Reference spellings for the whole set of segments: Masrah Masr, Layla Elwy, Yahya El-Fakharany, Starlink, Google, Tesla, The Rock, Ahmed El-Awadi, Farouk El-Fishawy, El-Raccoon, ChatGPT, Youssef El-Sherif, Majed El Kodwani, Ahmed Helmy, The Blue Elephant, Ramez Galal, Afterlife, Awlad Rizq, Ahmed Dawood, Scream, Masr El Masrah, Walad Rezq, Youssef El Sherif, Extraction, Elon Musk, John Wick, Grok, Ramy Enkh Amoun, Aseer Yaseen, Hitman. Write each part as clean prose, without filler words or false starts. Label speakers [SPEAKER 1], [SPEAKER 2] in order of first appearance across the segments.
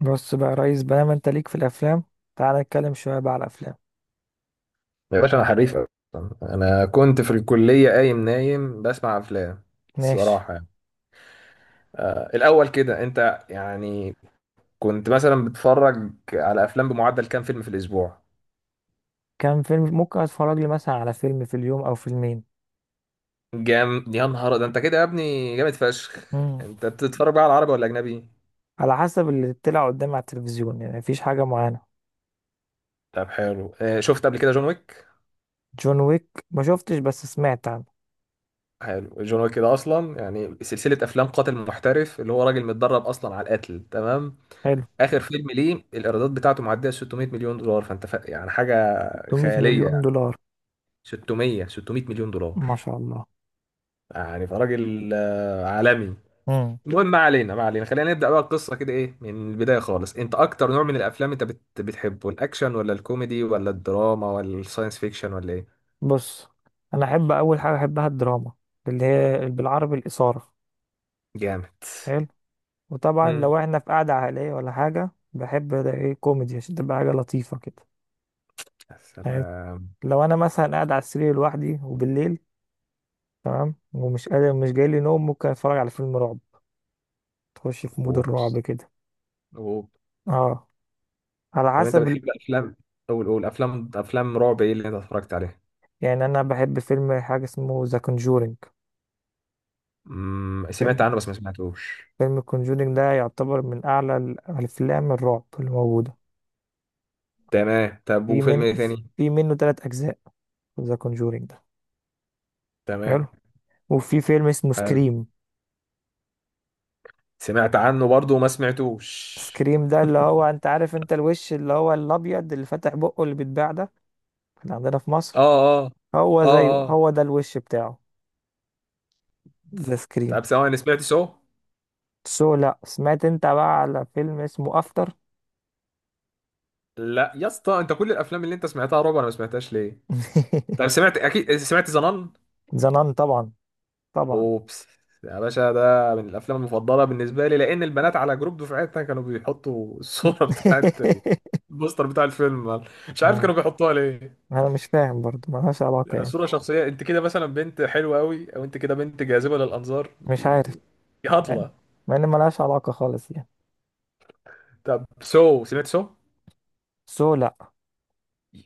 [SPEAKER 1] بص بقى يا ريس بقى، انت ليك في الافلام. تعال نتكلم شويه بقى على الافلام.
[SPEAKER 2] يا باشا انا حريف اصلا، انا كنت في الكليه قايم نايم بسمع افلام.
[SPEAKER 1] ماشي.
[SPEAKER 2] الصراحه يعني. الاول كده انت يعني كنت مثلا بتتفرج على افلام بمعدل كام فيلم في الاسبوع؟
[SPEAKER 1] كام فيلم؟ ممكن اتفرج لي مثلا على فيلم في اليوم او فيلمين.
[SPEAKER 2] جام يا نهار ده، انت كده يا ابني جامد فشخ.
[SPEAKER 1] مم.
[SPEAKER 2] انت بتتفرج بقى على عربي ولا اجنبي؟
[SPEAKER 1] على حسب اللي طلع قدامي على التلفزيون، يعني مفيش حاجه معينه.
[SPEAKER 2] طب حلو. شفت قبل كده جون ويك؟
[SPEAKER 1] جون ويك ما شفتش بس سمعت عنه.
[SPEAKER 2] حلو، جون ويك ده اصلا يعني سلسله افلام قاتل محترف، اللي هو راجل متدرب اصلا على القتل، تمام.
[SPEAKER 1] حلو.
[SPEAKER 2] اخر فيلم ليه الايرادات بتاعته معديه 600 مليون دولار، فانت يعني حاجه خياليه
[SPEAKER 1] 300 مليون
[SPEAKER 2] يعني.
[SPEAKER 1] دولار.
[SPEAKER 2] 600 مليون دولار.
[SPEAKER 1] ما شاء الله.
[SPEAKER 2] يعني فراجل، عالمي.
[SPEAKER 1] مم.
[SPEAKER 2] المهم ما علينا ما علينا، خلينا نبدا بقى القصه كده، ايه من البدايه خالص. انت اكتر نوع من الافلام انت بتحبه الاكشن ولا الكوميدي ولا الدراما ولا الساينس فيكشن ولا ايه؟
[SPEAKER 1] بص، انا احب اول حاجه احبها الدراما، اللي هي بالعربي الاثاره.
[SPEAKER 2] جامد.
[SPEAKER 1] حلو. وطبعا
[SPEAKER 2] امم
[SPEAKER 1] لو احنا في قعده عائليه ولا حاجه بحب ده، ايه، كوميدي عشان تبقى حاجه لطيفه كده.
[SPEAKER 2] يا سلام.
[SPEAKER 1] لو انا مثلا قاعد على السرير لوحدي وبالليل، تمام، ومش قادر مش جاي لي نوم، ممكن اتفرج على فيلم رعب، تخش في مود
[SPEAKER 2] اوبس.
[SPEAKER 1] الرعب كده.
[SPEAKER 2] اوبس.
[SPEAKER 1] اه. على
[SPEAKER 2] طب انت
[SPEAKER 1] حسب ال...
[SPEAKER 2] بتحب الافلام، قول قول، افلام رعب ايه اللي انت اتفرجت عليها؟
[SPEAKER 1] يعني انا بحب فيلم حاجه اسمه ذا كونجورينج.
[SPEAKER 2] امم،
[SPEAKER 1] فيلم
[SPEAKER 2] سمعت عنه بس ما سمعتوش.
[SPEAKER 1] فيلم كونجورينج ده يعتبر من اعلى الافلام الرعب اللي موجوده.
[SPEAKER 2] تمام، طب
[SPEAKER 1] في
[SPEAKER 2] وفيلم
[SPEAKER 1] من
[SPEAKER 2] ايه تاني؟
[SPEAKER 1] في منه ثلاث اجزاء، ذا كونجورينج ده. حلو.
[SPEAKER 2] تمام.
[SPEAKER 1] وفي فيلم اسمه
[SPEAKER 2] حلو،
[SPEAKER 1] سكريم.
[SPEAKER 2] سمعت عنه برضو وما سمعتوش.
[SPEAKER 1] سكريم ده اللي هو، انت عارف، الوش اللي هو الابيض اللي فاتح بقه اللي بيتباع ده، كان عندنا في
[SPEAKER 2] اه
[SPEAKER 1] مصر.
[SPEAKER 2] اه.
[SPEAKER 1] هو
[SPEAKER 2] اه
[SPEAKER 1] زيه،
[SPEAKER 2] اه.
[SPEAKER 1] هو ده الوش بتاعه. ذا سكريم.
[SPEAKER 2] طب ثواني، انا سمعت سو؟
[SPEAKER 1] سو، لا. سمعت انت بقى على فيلم اسمه افتر؟
[SPEAKER 2] لا يا اسطى، انت كل الافلام اللي انت سمعتها رعب انا ما سمعتهاش ليه؟ طب سمعت، اكيد سمعت زنان.
[SPEAKER 1] زنان، طبعا طبعا.
[SPEAKER 2] اوبس. يا باشا ده من الافلام المفضله بالنسبه لي، لان البنات على جروب دفعتنا كانوا بيحطوا الصوره بتاعت البوستر بتاع الفيلم. مش عارف
[SPEAKER 1] ها.
[SPEAKER 2] كانوا بيحطوها ليه.
[SPEAKER 1] انا مش فاهم برضو، ملهاش علاقة
[SPEAKER 2] يعني
[SPEAKER 1] يعني.
[SPEAKER 2] صوره شخصيه؟ انت كده مثلا بنت حلوه قوي، او انت كده بنت جاذبه للانظار انت؟
[SPEAKER 1] مش عارف
[SPEAKER 2] يا
[SPEAKER 1] يعني،
[SPEAKER 2] هطله.
[SPEAKER 1] مع ان ملهاش علاقة خالص يعني.
[SPEAKER 2] طب سو، سمعت سو؟
[SPEAKER 1] سو، لا.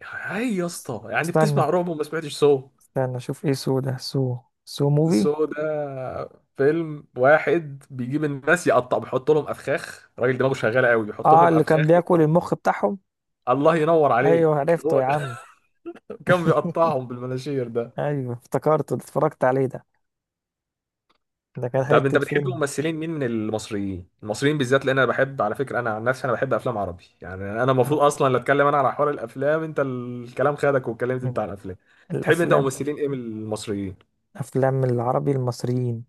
[SPEAKER 2] هاي يا اسطى، يعني
[SPEAKER 1] استنى،
[SPEAKER 2] بتسمع رعب وما سمعتش سو؟
[SPEAKER 1] اشوف ايه سو ده. سو، سو موفي.
[SPEAKER 2] سو ده فيلم واحد بيجيب الناس يقطع، بيحط لهم افخاخ، راجل دماغه شغاله قوي بيحط
[SPEAKER 1] اه
[SPEAKER 2] لهم
[SPEAKER 1] اللي
[SPEAKER 2] افخاخ.
[SPEAKER 1] كان بياكل المخ بتاعهم.
[SPEAKER 2] الله ينور
[SPEAKER 1] ايوه
[SPEAKER 2] عليك،
[SPEAKER 1] عرفته
[SPEAKER 2] هو
[SPEAKER 1] يا
[SPEAKER 2] ده.
[SPEAKER 1] عم.
[SPEAKER 2] كان بيقطعهم بالمناشير ده.
[SPEAKER 1] ايوه افتكرته، ده اتفرجت عليه ده. ده كان
[SPEAKER 2] طب انت
[SPEAKER 1] حتة
[SPEAKER 2] بتحب
[SPEAKER 1] فيلم.
[SPEAKER 2] ممثلين، مين من المصريين، المصريين بالذات؟ لان انا بحب، على فكره انا عن نفسي انا بحب افلام عربي، يعني انا المفروض اصلا اللي اتكلم انا على حوار الافلام، انت الكلام خدك واتكلمت انت
[SPEAKER 1] مم.
[SPEAKER 2] عن الافلام. تحب انت
[SPEAKER 1] الافلام.
[SPEAKER 2] ممثلين ايه من المصريين؟
[SPEAKER 1] افلام العربي المصريين.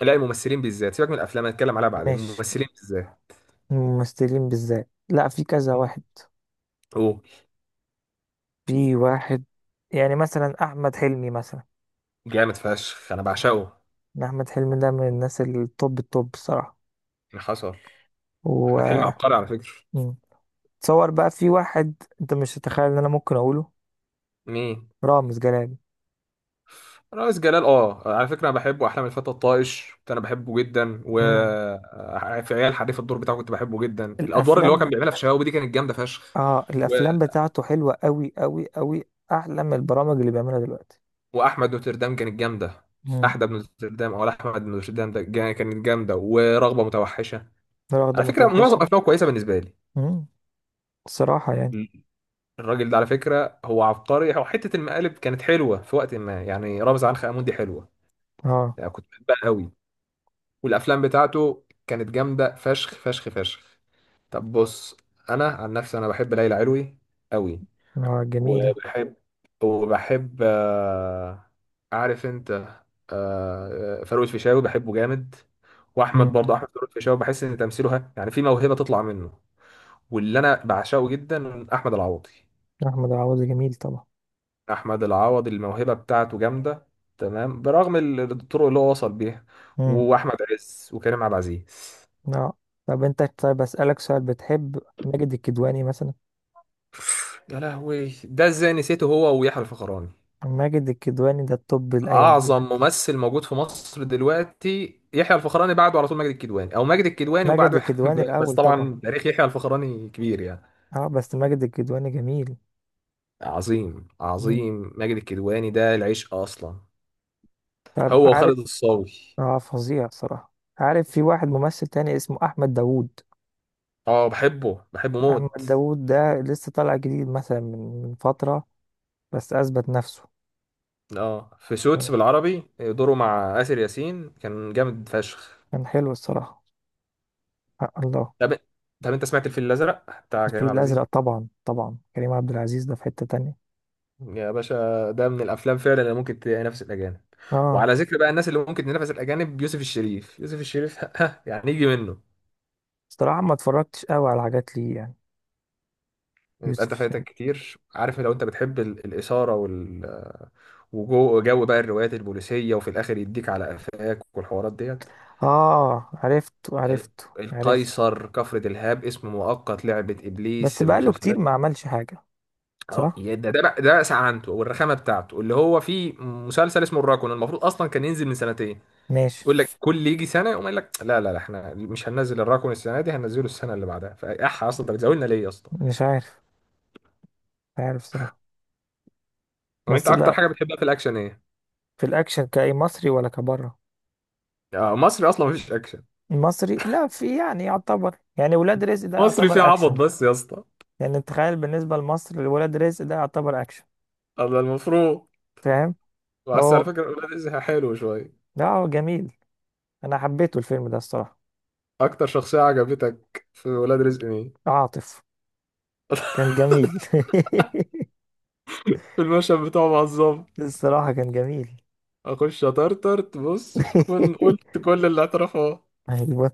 [SPEAKER 2] لا الممثلين بالذات، سيبك من الافلام هنتكلم عليها بعدين،
[SPEAKER 1] ماشي.
[SPEAKER 2] الممثلين بالذات.
[SPEAKER 1] ممثلين بالذات، لا، في كذا واحد.
[SPEAKER 2] اوه.
[SPEAKER 1] في واحد يعني، مثلا احمد حلمي مثلا.
[SPEAKER 2] جامد فشخ انا بعشقه، إيه
[SPEAKER 1] احمد حلمي ده من الناس التوب التوب الصراحه.
[SPEAKER 2] اللي حصل؟
[SPEAKER 1] و
[SPEAKER 2] احمد حلمي عبقري على فكره.
[SPEAKER 1] مم. تصور بقى، في واحد انت مش تتخيل ان انا ممكن اقوله.
[SPEAKER 2] مين؟
[SPEAKER 1] رامز جلال.
[SPEAKER 2] رئيس جلال؟ اه على فكره انا بحبه، احلام الفتى الطائش كنت انا بحبه جدا. و
[SPEAKER 1] مم.
[SPEAKER 2] في عيال حريف، الدور بتاعه كنت بحبه جدا، الادوار اللي هو
[SPEAKER 1] الافلام ب...
[SPEAKER 2] كان بيعملها في شباب دي كانت جامده فشخ.
[SPEAKER 1] اه
[SPEAKER 2] و...
[SPEAKER 1] الافلام بتاعته حلوه قوي قوي قوي. احلى من البرامج اللي بيعملها دلوقتي.
[SPEAKER 2] واحمد نوتردام كانت جامده،
[SPEAKER 1] مم.
[SPEAKER 2] احدى ابن نوتردام او احمد بن نوتردام ده كانت جامده، ورغبه متوحشه.
[SPEAKER 1] واخده
[SPEAKER 2] على فكره معظم
[SPEAKER 1] متوحشه.
[SPEAKER 2] افلامه كويسه بالنسبه لي.
[SPEAKER 1] مم. الصراحه يعني.
[SPEAKER 2] الراجل ده على فكره هو عبقري، هو حته المقالب كانت حلوه في وقت ما، يعني رامز عنخ امون دي حلوه،
[SPEAKER 1] اه.
[SPEAKER 2] يعني كنت بحبها قوي. والافلام بتاعته كانت جامده فشخ فشخ فشخ. طب بص، انا عن نفسي انا بحب ليلى علوي قوي.
[SPEAKER 1] اه جميله.
[SPEAKER 2] وبحب وبحب عارف انت، فاروق الفيشاوي بحبه جامد. واحمد
[SPEAKER 1] مم.
[SPEAKER 2] برضه، احمد فاروق الفيشاوي بحس ان تمثيله يعني في موهبه تطلع منه. واللي انا بعشقه جدا احمد العوضي.
[SPEAKER 1] احمد عوضي جميل طبعا.
[SPEAKER 2] احمد العوضي الموهبه بتاعته جامده، تمام، برغم الطرق اللي هو وصل بيها.
[SPEAKER 1] مم.
[SPEAKER 2] واحمد عز وكريم عبد العزيز.
[SPEAKER 1] اه. طب انت، طيب اسألك سؤال، بتحب ماجد الكدواني مثلا؟
[SPEAKER 2] يا لهوي، ده ازاي نسيته، هو ويحيى الفخراني،
[SPEAKER 1] ماجد الكدواني ده التوب الايام دي.
[SPEAKER 2] اعظم ممثل موجود في مصر دلوقتي، يحيى الفخراني بعده على طول، ماجد الكدواني، او ماجد الكدواني
[SPEAKER 1] ماجد
[SPEAKER 2] وبعده يحيى-
[SPEAKER 1] الكدواني
[SPEAKER 2] بس
[SPEAKER 1] الاول طبعا.
[SPEAKER 2] طبعا تاريخ يحيى الفخراني كبير يعني.
[SPEAKER 1] اه بس ماجد الكدواني جميل.
[SPEAKER 2] عظيم
[SPEAKER 1] مم.
[SPEAKER 2] عظيم، ماجد الكدواني ده العشق اصلا،
[SPEAKER 1] طب
[SPEAKER 2] هو
[SPEAKER 1] عارف.
[SPEAKER 2] وخالد الصاوي.
[SPEAKER 1] اه فظيع صراحة. عارف في واحد ممثل تاني اسمه احمد داوود.
[SPEAKER 2] اه بحبه بحبه موت.
[SPEAKER 1] احمد داوود ده لسه طالع جديد مثلا، من فترة، بس اثبت نفسه.
[SPEAKER 2] اه في سوتس
[SPEAKER 1] آه،
[SPEAKER 2] بالعربي دوره مع آسر ياسين كان جامد فشخ.
[SPEAKER 1] كان حلو الصراحة. آه الله.
[SPEAKER 2] طب طب انت سمعت الفيل الازرق بتاع كريم
[SPEAKER 1] الفيل
[SPEAKER 2] عبد العزيز؟
[SPEAKER 1] الازرق طبعا، طبعا كريم عبد العزيز ده في حتة تانية.
[SPEAKER 2] يا باشا، ده من الافلام فعلا اللي ممكن تنافس الاجانب.
[SPEAKER 1] اه.
[SPEAKER 2] وعلى ذكر بقى الناس اللي ممكن تنافس الاجانب، يوسف الشريف، يوسف الشريف، ها، يعني يجي منه.
[SPEAKER 1] صراحة ما اتفرجتش قوي على حاجات ليه يعني.
[SPEAKER 2] يبقى
[SPEAKER 1] يوسف
[SPEAKER 2] انت فايتك
[SPEAKER 1] الشريف.
[SPEAKER 2] كتير، عارف، لو انت بتحب الاثاره وال، وجو بقى الروايات البوليسيه وفي الاخر يديك على قفاك والحوارات ديت.
[SPEAKER 1] اه عرفته،
[SPEAKER 2] ال-
[SPEAKER 1] عرفته، عرفته.
[SPEAKER 2] القيصر، كفر دلهاب، اسم مؤقت، لعبه
[SPEAKER 1] بس
[SPEAKER 2] ابليس،
[SPEAKER 1] بقاله كتير
[SPEAKER 2] المسلسلات
[SPEAKER 1] ما
[SPEAKER 2] دي.
[SPEAKER 1] عملش حاجة.
[SPEAKER 2] اه
[SPEAKER 1] صح.
[SPEAKER 2] يا ده بقى سعنته والرخامه بتاعته، اللي هو في مسلسل اسمه الراكون المفروض اصلا كان ينزل من سنتين.
[SPEAKER 1] ماشي.
[SPEAKER 2] يقول لك كل يجي سنه يقوم قايل لك لا لا لا، احنا مش هننزل الرقم السنه دي، هننزله السنه اللي بعدها، فاح، اصلا انت بتزودنا ليه يا اسطى؟
[SPEAKER 1] مش عارف. مش عارف صراحة.
[SPEAKER 2] طب انت
[SPEAKER 1] بس
[SPEAKER 2] اكتر
[SPEAKER 1] لا،
[SPEAKER 2] حاجه بتحبها في الاكشن ايه؟
[SPEAKER 1] في الاكشن كأي مصري ولا كبره.
[SPEAKER 2] مصري اصلا مفيش اكشن.
[SPEAKER 1] المصري لا، في يعني يعتبر، يعني ولاد رزق ده
[SPEAKER 2] مصري فيه
[SPEAKER 1] يعتبر
[SPEAKER 2] عبط
[SPEAKER 1] اكشن.
[SPEAKER 2] بس يا اسطى.
[SPEAKER 1] يعني تخيل بالنسبة لمصر، ولاد رزق ده يعتبر اكشن.
[SPEAKER 2] هذا المفروض.
[SPEAKER 1] فاهم.
[SPEAKER 2] بس
[SPEAKER 1] هو،
[SPEAKER 2] على فكره ولاد رزق حلو شويه.
[SPEAKER 1] لا هو جميل. انا حبيته الفيلم ده الصراحة.
[SPEAKER 2] اكتر شخصيه عجبتك في ولاد رزق مين؟
[SPEAKER 1] عاطف. كان جميل.
[SPEAKER 2] في المشهد بتاعه مع الظابط.
[SPEAKER 1] الصراحة كان جميل.
[SPEAKER 2] اخش اطرطر، بص تكون قلت كل اللي اعترفه.
[SPEAKER 1] ايوه.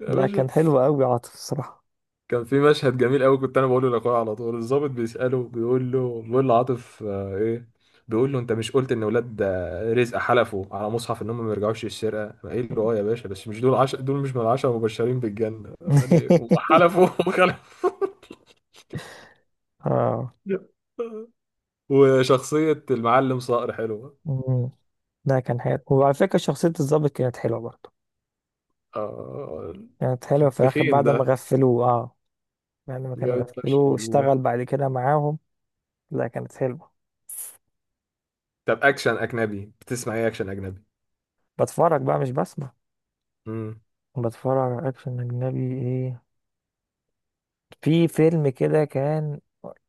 [SPEAKER 2] يا
[SPEAKER 1] لا
[SPEAKER 2] باشا،
[SPEAKER 1] كان حلو قوي، عاطف الصراحة.
[SPEAKER 2] كان في مشهد جميل قوي، كنت انا بقوله لاخويا على طول. الضابط بيساله، بيقول له، بيقول لعاطف ايه، بيقول له انت مش قلت ان ولاد رزق حلفوا على مصحف ان هم ما يرجعوش للسرقه؟ قايل له اه يا باشا، بس مش دول دول مش من العشره المبشرين بالجنه يعني، هم حلفوا وخلفوا.
[SPEAKER 1] اه.
[SPEAKER 2] وشخصيه المعلم صقر حلوه،
[SPEAKER 1] مم. ده كان حلو، وعلى فكرة شخصية الضابط كانت حلوة برضه.
[SPEAKER 2] اه،
[SPEAKER 1] كانت حلوة في الآخر
[SPEAKER 2] التخين
[SPEAKER 1] بعد ما
[SPEAKER 2] ده
[SPEAKER 1] غفلوه، اه. بعد ما كانوا
[SPEAKER 2] جامد فشخ
[SPEAKER 1] غفلوه
[SPEAKER 2] والله.
[SPEAKER 1] واشتغل بعد كده معاهم. لا كانت حلوة.
[SPEAKER 2] طب اكشن اجنبي بتسمع ايه اكشن اجنبي؟
[SPEAKER 1] بتفرج بقى، مش بسمع. بتفرج على أكشن أجنبي إيه؟ في فيلم كده كان.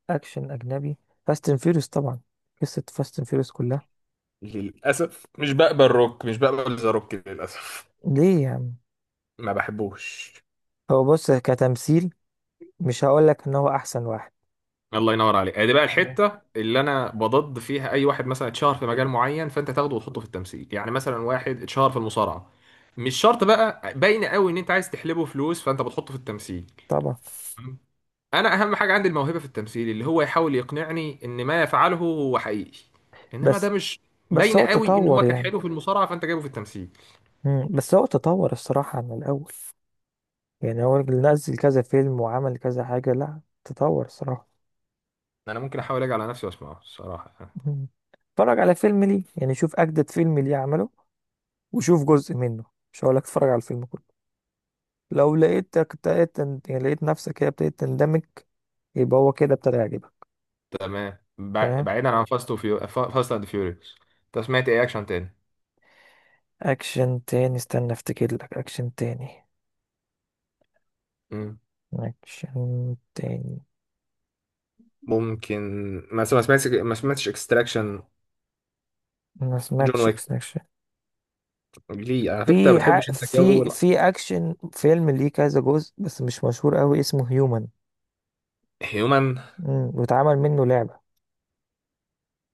[SPEAKER 1] أكشن أجنبي، فاست اند فيوريوس طبعا. قصة فاست اند فيوريوس كلها.
[SPEAKER 2] للأسف مش بقبل روك، مش بقبل ذا روك للأسف.
[SPEAKER 1] ليه يا عم؟
[SPEAKER 2] ما بحبوش.
[SPEAKER 1] هو بص كتمثيل، مش هقولك إن هو أحسن واحد.
[SPEAKER 2] الله ينور عليك، دي بقى الحته اللي انا بضد فيها، اي واحد مثلا اتشهر في مجال معين، فانت تاخده وتحطه في التمثيل، يعني مثلا واحد اتشهر في المصارعه، مش شرط بقى، باين قوي ان انت عايز تحلبه فلوس فانت بتحطه في التمثيل.
[SPEAKER 1] طبعا.
[SPEAKER 2] انا اهم حاجه عندي الموهبه في التمثيل، اللي هو يحاول يقنعني ان ما يفعله هو حقيقي، انما ده
[SPEAKER 1] بس،
[SPEAKER 2] مش،
[SPEAKER 1] بس
[SPEAKER 2] باين
[SPEAKER 1] هو
[SPEAKER 2] قوي ان
[SPEAKER 1] تطور
[SPEAKER 2] هو كان
[SPEAKER 1] يعني.
[SPEAKER 2] حلو في المصارعه فانت جايبه في التمثيل.
[SPEAKER 1] مم. بس هو تطور الصراحة عن الأول، يعني هو اللي نزل كذا فيلم وعمل كذا حاجة، لا تطور الصراحة.
[SPEAKER 2] انا ممكن احاول اجي على نفسي واسمعه الصراحه.
[SPEAKER 1] مم. اتفرج على فيلم ليه، يعني شوف أجدد فيلم ليه عمله، وشوف جزء منه. مش هقولك اتفرج على الفيلم كله. لو لقيتك ابتديت يعني لقيت نفسك هي ابتديت تندمج، يبقى هو كده ابتدى يعجبك.
[SPEAKER 2] تمام. بع-
[SPEAKER 1] فاهم.
[SPEAKER 2] بعيدا عن فاست اند فيوريوس، انت سمعت ايه اكشن تاني؟
[SPEAKER 1] أكشن تاني، استنى افتكر لك أكشن تاني.
[SPEAKER 2] مم.
[SPEAKER 1] أكشن تاني.
[SPEAKER 2] ممكن. مثلا ما سمعتش اكستراكشن؟
[SPEAKER 1] ما
[SPEAKER 2] جون
[SPEAKER 1] سمعتش.
[SPEAKER 2] ويك؟ ليه على فكره انت ما بتحبش انت جو.
[SPEAKER 1] في اكشن فيلم ليه كذا جزء بس مش مشهور قوي، اسمه هيومن.
[SPEAKER 2] هيومن؟
[SPEAKER 1] واتعمل منه لعبة.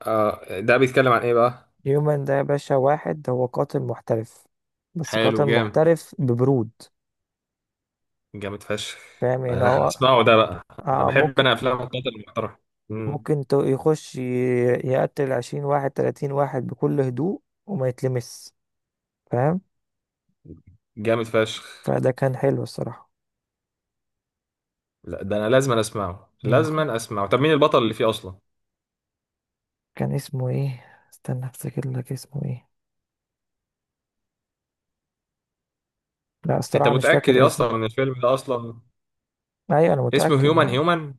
[SPEAKER 2] آه ده بيتكلم عن ايه بقى؟
[SPEAKER 1] هيومن ده يا باشا، واحد هو قاتل محترف، بس قاتل
[SPEAKER 2] حلو جامد.
[SPEAKER 1] محترف ببرود.
[SPEAKER 2] جامد فشخ.
[SPEAKER 1] فاهم يعني
[SPEAKER 2] انا
[SPEAKER 1] هو.
[SPEAKER 2] هسمعه ده بقى، انا
[SPEAKER 1] آه
[SPEAKER 2] بحب
[SPEAKER 1] ممكن.
[SPEAKER 2] انا افلام القتل المحترم. مم.
[SPEAKER 1] ممكن تو- يخش ي- يقتل 20 واحد 30 واحد بكل هدوء وما يتلمس. فاهم.
[SPEAKER 2] جامد فشخ.
[SPEAKER 1] فده كان حلو الصراحة.
[SPEAKER 2] لا ده انا لازم أنا اسمعه،
[SPEAKER 1] مم.
[SPEAKER 2] لازم أنا اسمعه. طب مين البطل اللي فيه اصلا؟
[SPEAKER 1] كان اسمه ايه؟ استنى افتكر لك اسمه ايه. لا
[SPEAKER 2] انت
[SPEAKER 1] الصراحة مش
[SPEAKER 2] متاكد
[SPEAKER 1] فاكر
[SPEAKER 2] يا
[SPEAKER 1] اسمه.
[SPEAKER 2] اسطى ان الفيلم ده اصلا
[SPEAKER 1] ايوه انا
[SPEAKER 2] اسمه
[SPEAKER 1] متأكد
[SPEAKER 2] هيومن
[SPEAKER 1] يعني.
[SPEAKER 2] هيومن؟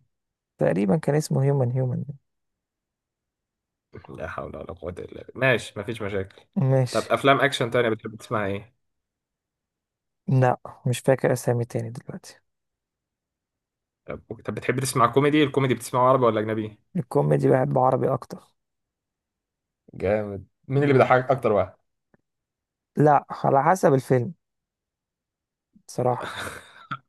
[SPEAKER 1] تقريبا كان اسمه هيومن هيومن.
[SPEAKER 2] لا حول ولا قوة إلا بالله، ماشي، مفيش مشاكل. طب
[SPEAKER 1] ماشي.
[SPEAKER 2] أفلام أكشن تانية بتحب تسمع إيه؟
[SPEAKER 1] لا مش فاكر اسامي تاني دلوقتي.
[SPEAKER 2] طب بتحب تسمع كوميدي؟ الكوميدي بتسمعه عربي ولا أجنبي؟
[SPEAKER 1] الكوميدي بحب عربي اكتر.
[SPEAKER 2] جامد. مين
[SPEAKER 1] مش
[SPEAKER 2] اللي
[SPEAKER 1] عارف.
[SPEAKER 2] بيضحكك اكتر واحد؟
[SPEAKER 1] لا على حسب الفيلم صراحة.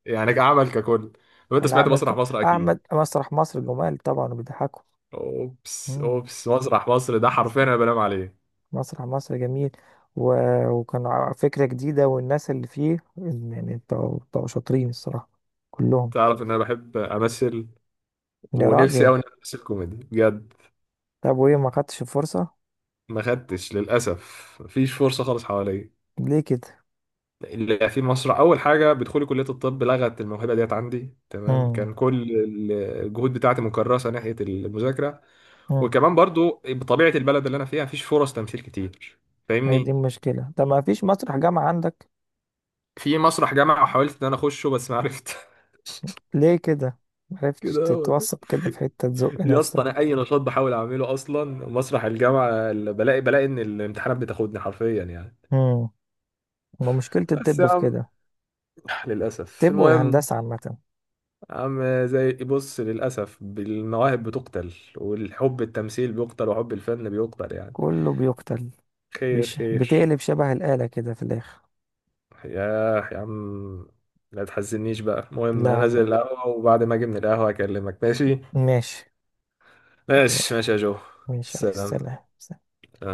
[SPEAKER 2] يعني كعمل ككل، لو أنت
[SPEAKER 1] انا
[SPEAKER 2] سمعت
[SPEAKER 1] احمد
[SPEAKER 2] مسرح مصر أكيد.
[SPEAKER 1] احمد مسرح مصر جمال طبعا وبيضحكوا.
[SPEAKER 2] أوبس
[SPEAKER 1] مم.
[SPEAKER 2] أوبس، مسرح مصر ده
[SPEAKER 1] مصر،
[SPEAKER 2] حرفيا أنا بنام عليه.
[SPEAKER 1] مسرح مصر جميل. و... وكان فكرة جديدة، والناس اللي فيه يعني بتوع شاطرين الصراحة كلهم.
[SPEAKER 2] تعرف إن أنا بحب أمثل؟
[SPEAKER 1] يا
[SPEAKER 2] ونفسي
[SPEAKER 1] راجل.
[SPEAKER 2] أوي إن أنا أمثل كوميدي بجد.
[SPEAKER 1] طب وايه ما خدتش الفرصة؟
[SPEAKER 2] ما خدتش للأسف، مفيش فرصة خالص حواليا.
[SPEAKER 1] ليه كده.
[SPEAKER 2] اللي في مصر اول حاجه بدخولي كليه الطب لغت الموهبه ديت عندي، تمام،
[SPEAKER 1] مم.
[SPEAKER 2] كان كل الجهود بتاعتي مكرسه ناحيه المذاكره.
[SPEAKER 1] مم.
[SPEAKER 2] وكمان برضو بطبيعه البلد اللي انا فيها مفيش فرص تمثيل كتير،
[SPEAKER 1] هي دي
[SPEAKER 2] فاهمني.
[SPEAKER 1] المشكلة، طب ما فيش مسرح جامعة عندك؟
[SPEAKER 2] في مسرح جامعه، حاولت ان انا اخشه بس ما عرفت.
[SPEAKER 1] ليه كده؟ معرفتش
[SPEAKER 2] كده هو ده.
[SPEAKER 1] تتوثق كده في حتة تزق
[SPEAKER 2] يا اسطى
[SPEAKER 1] نفسك.
[SPEAKER 2] انا اي نشاط بحاول اعمله اصلا مسرح الجامعه اللي بلاقي، بلاقي ان الامتحانات بتاخدني حرفيا يعني.
[SPEAKER 1] امم. ما مشكلة
[SPEAKER 2] بس يا
[SPEAKER 1] الطب في
[SPEAKER 2] عم،
[SPEAKER 1] كده.
[SPEAKER 2] للاسف،
[SPEAKER 1] الطب
[SPEAKER 2] المهم،
[SPEAKER 1] والهندسة عامة.
[SPEAKER 2] عم زي بص، للأسف المواهب بتقتل، والحب التمثيل بيقتل، وحب الفن بيقتل يعني.
[SPEAKER 1] كله بيقتل.
[SPEAKER 2] خير خير.
[SPEAKER 1] بتقلب شبه الآلة كده في الآخر.
[SPEAKER 2] ياه يا عم، لا تحزنيش بقى. المهم، أنا
[SPEAKER 1] لا
[SPEAKER 2] أنزل
[SPEAKER 1] لا.
[SPEAKER 2] القهوة وبعد ما أجي من القهوة أكلمك، ماشي؟
[SPEAKER 1] ماشي.
[SPEAKER 2] ماشي
[SPEAKER 1] يا-
[SPEAKER 2] ماشي يا جو.
[SPEAKER 1] ماشي يا ريس،
[SPEAKER 2] سلام.
[SPEAKER 1] سلام.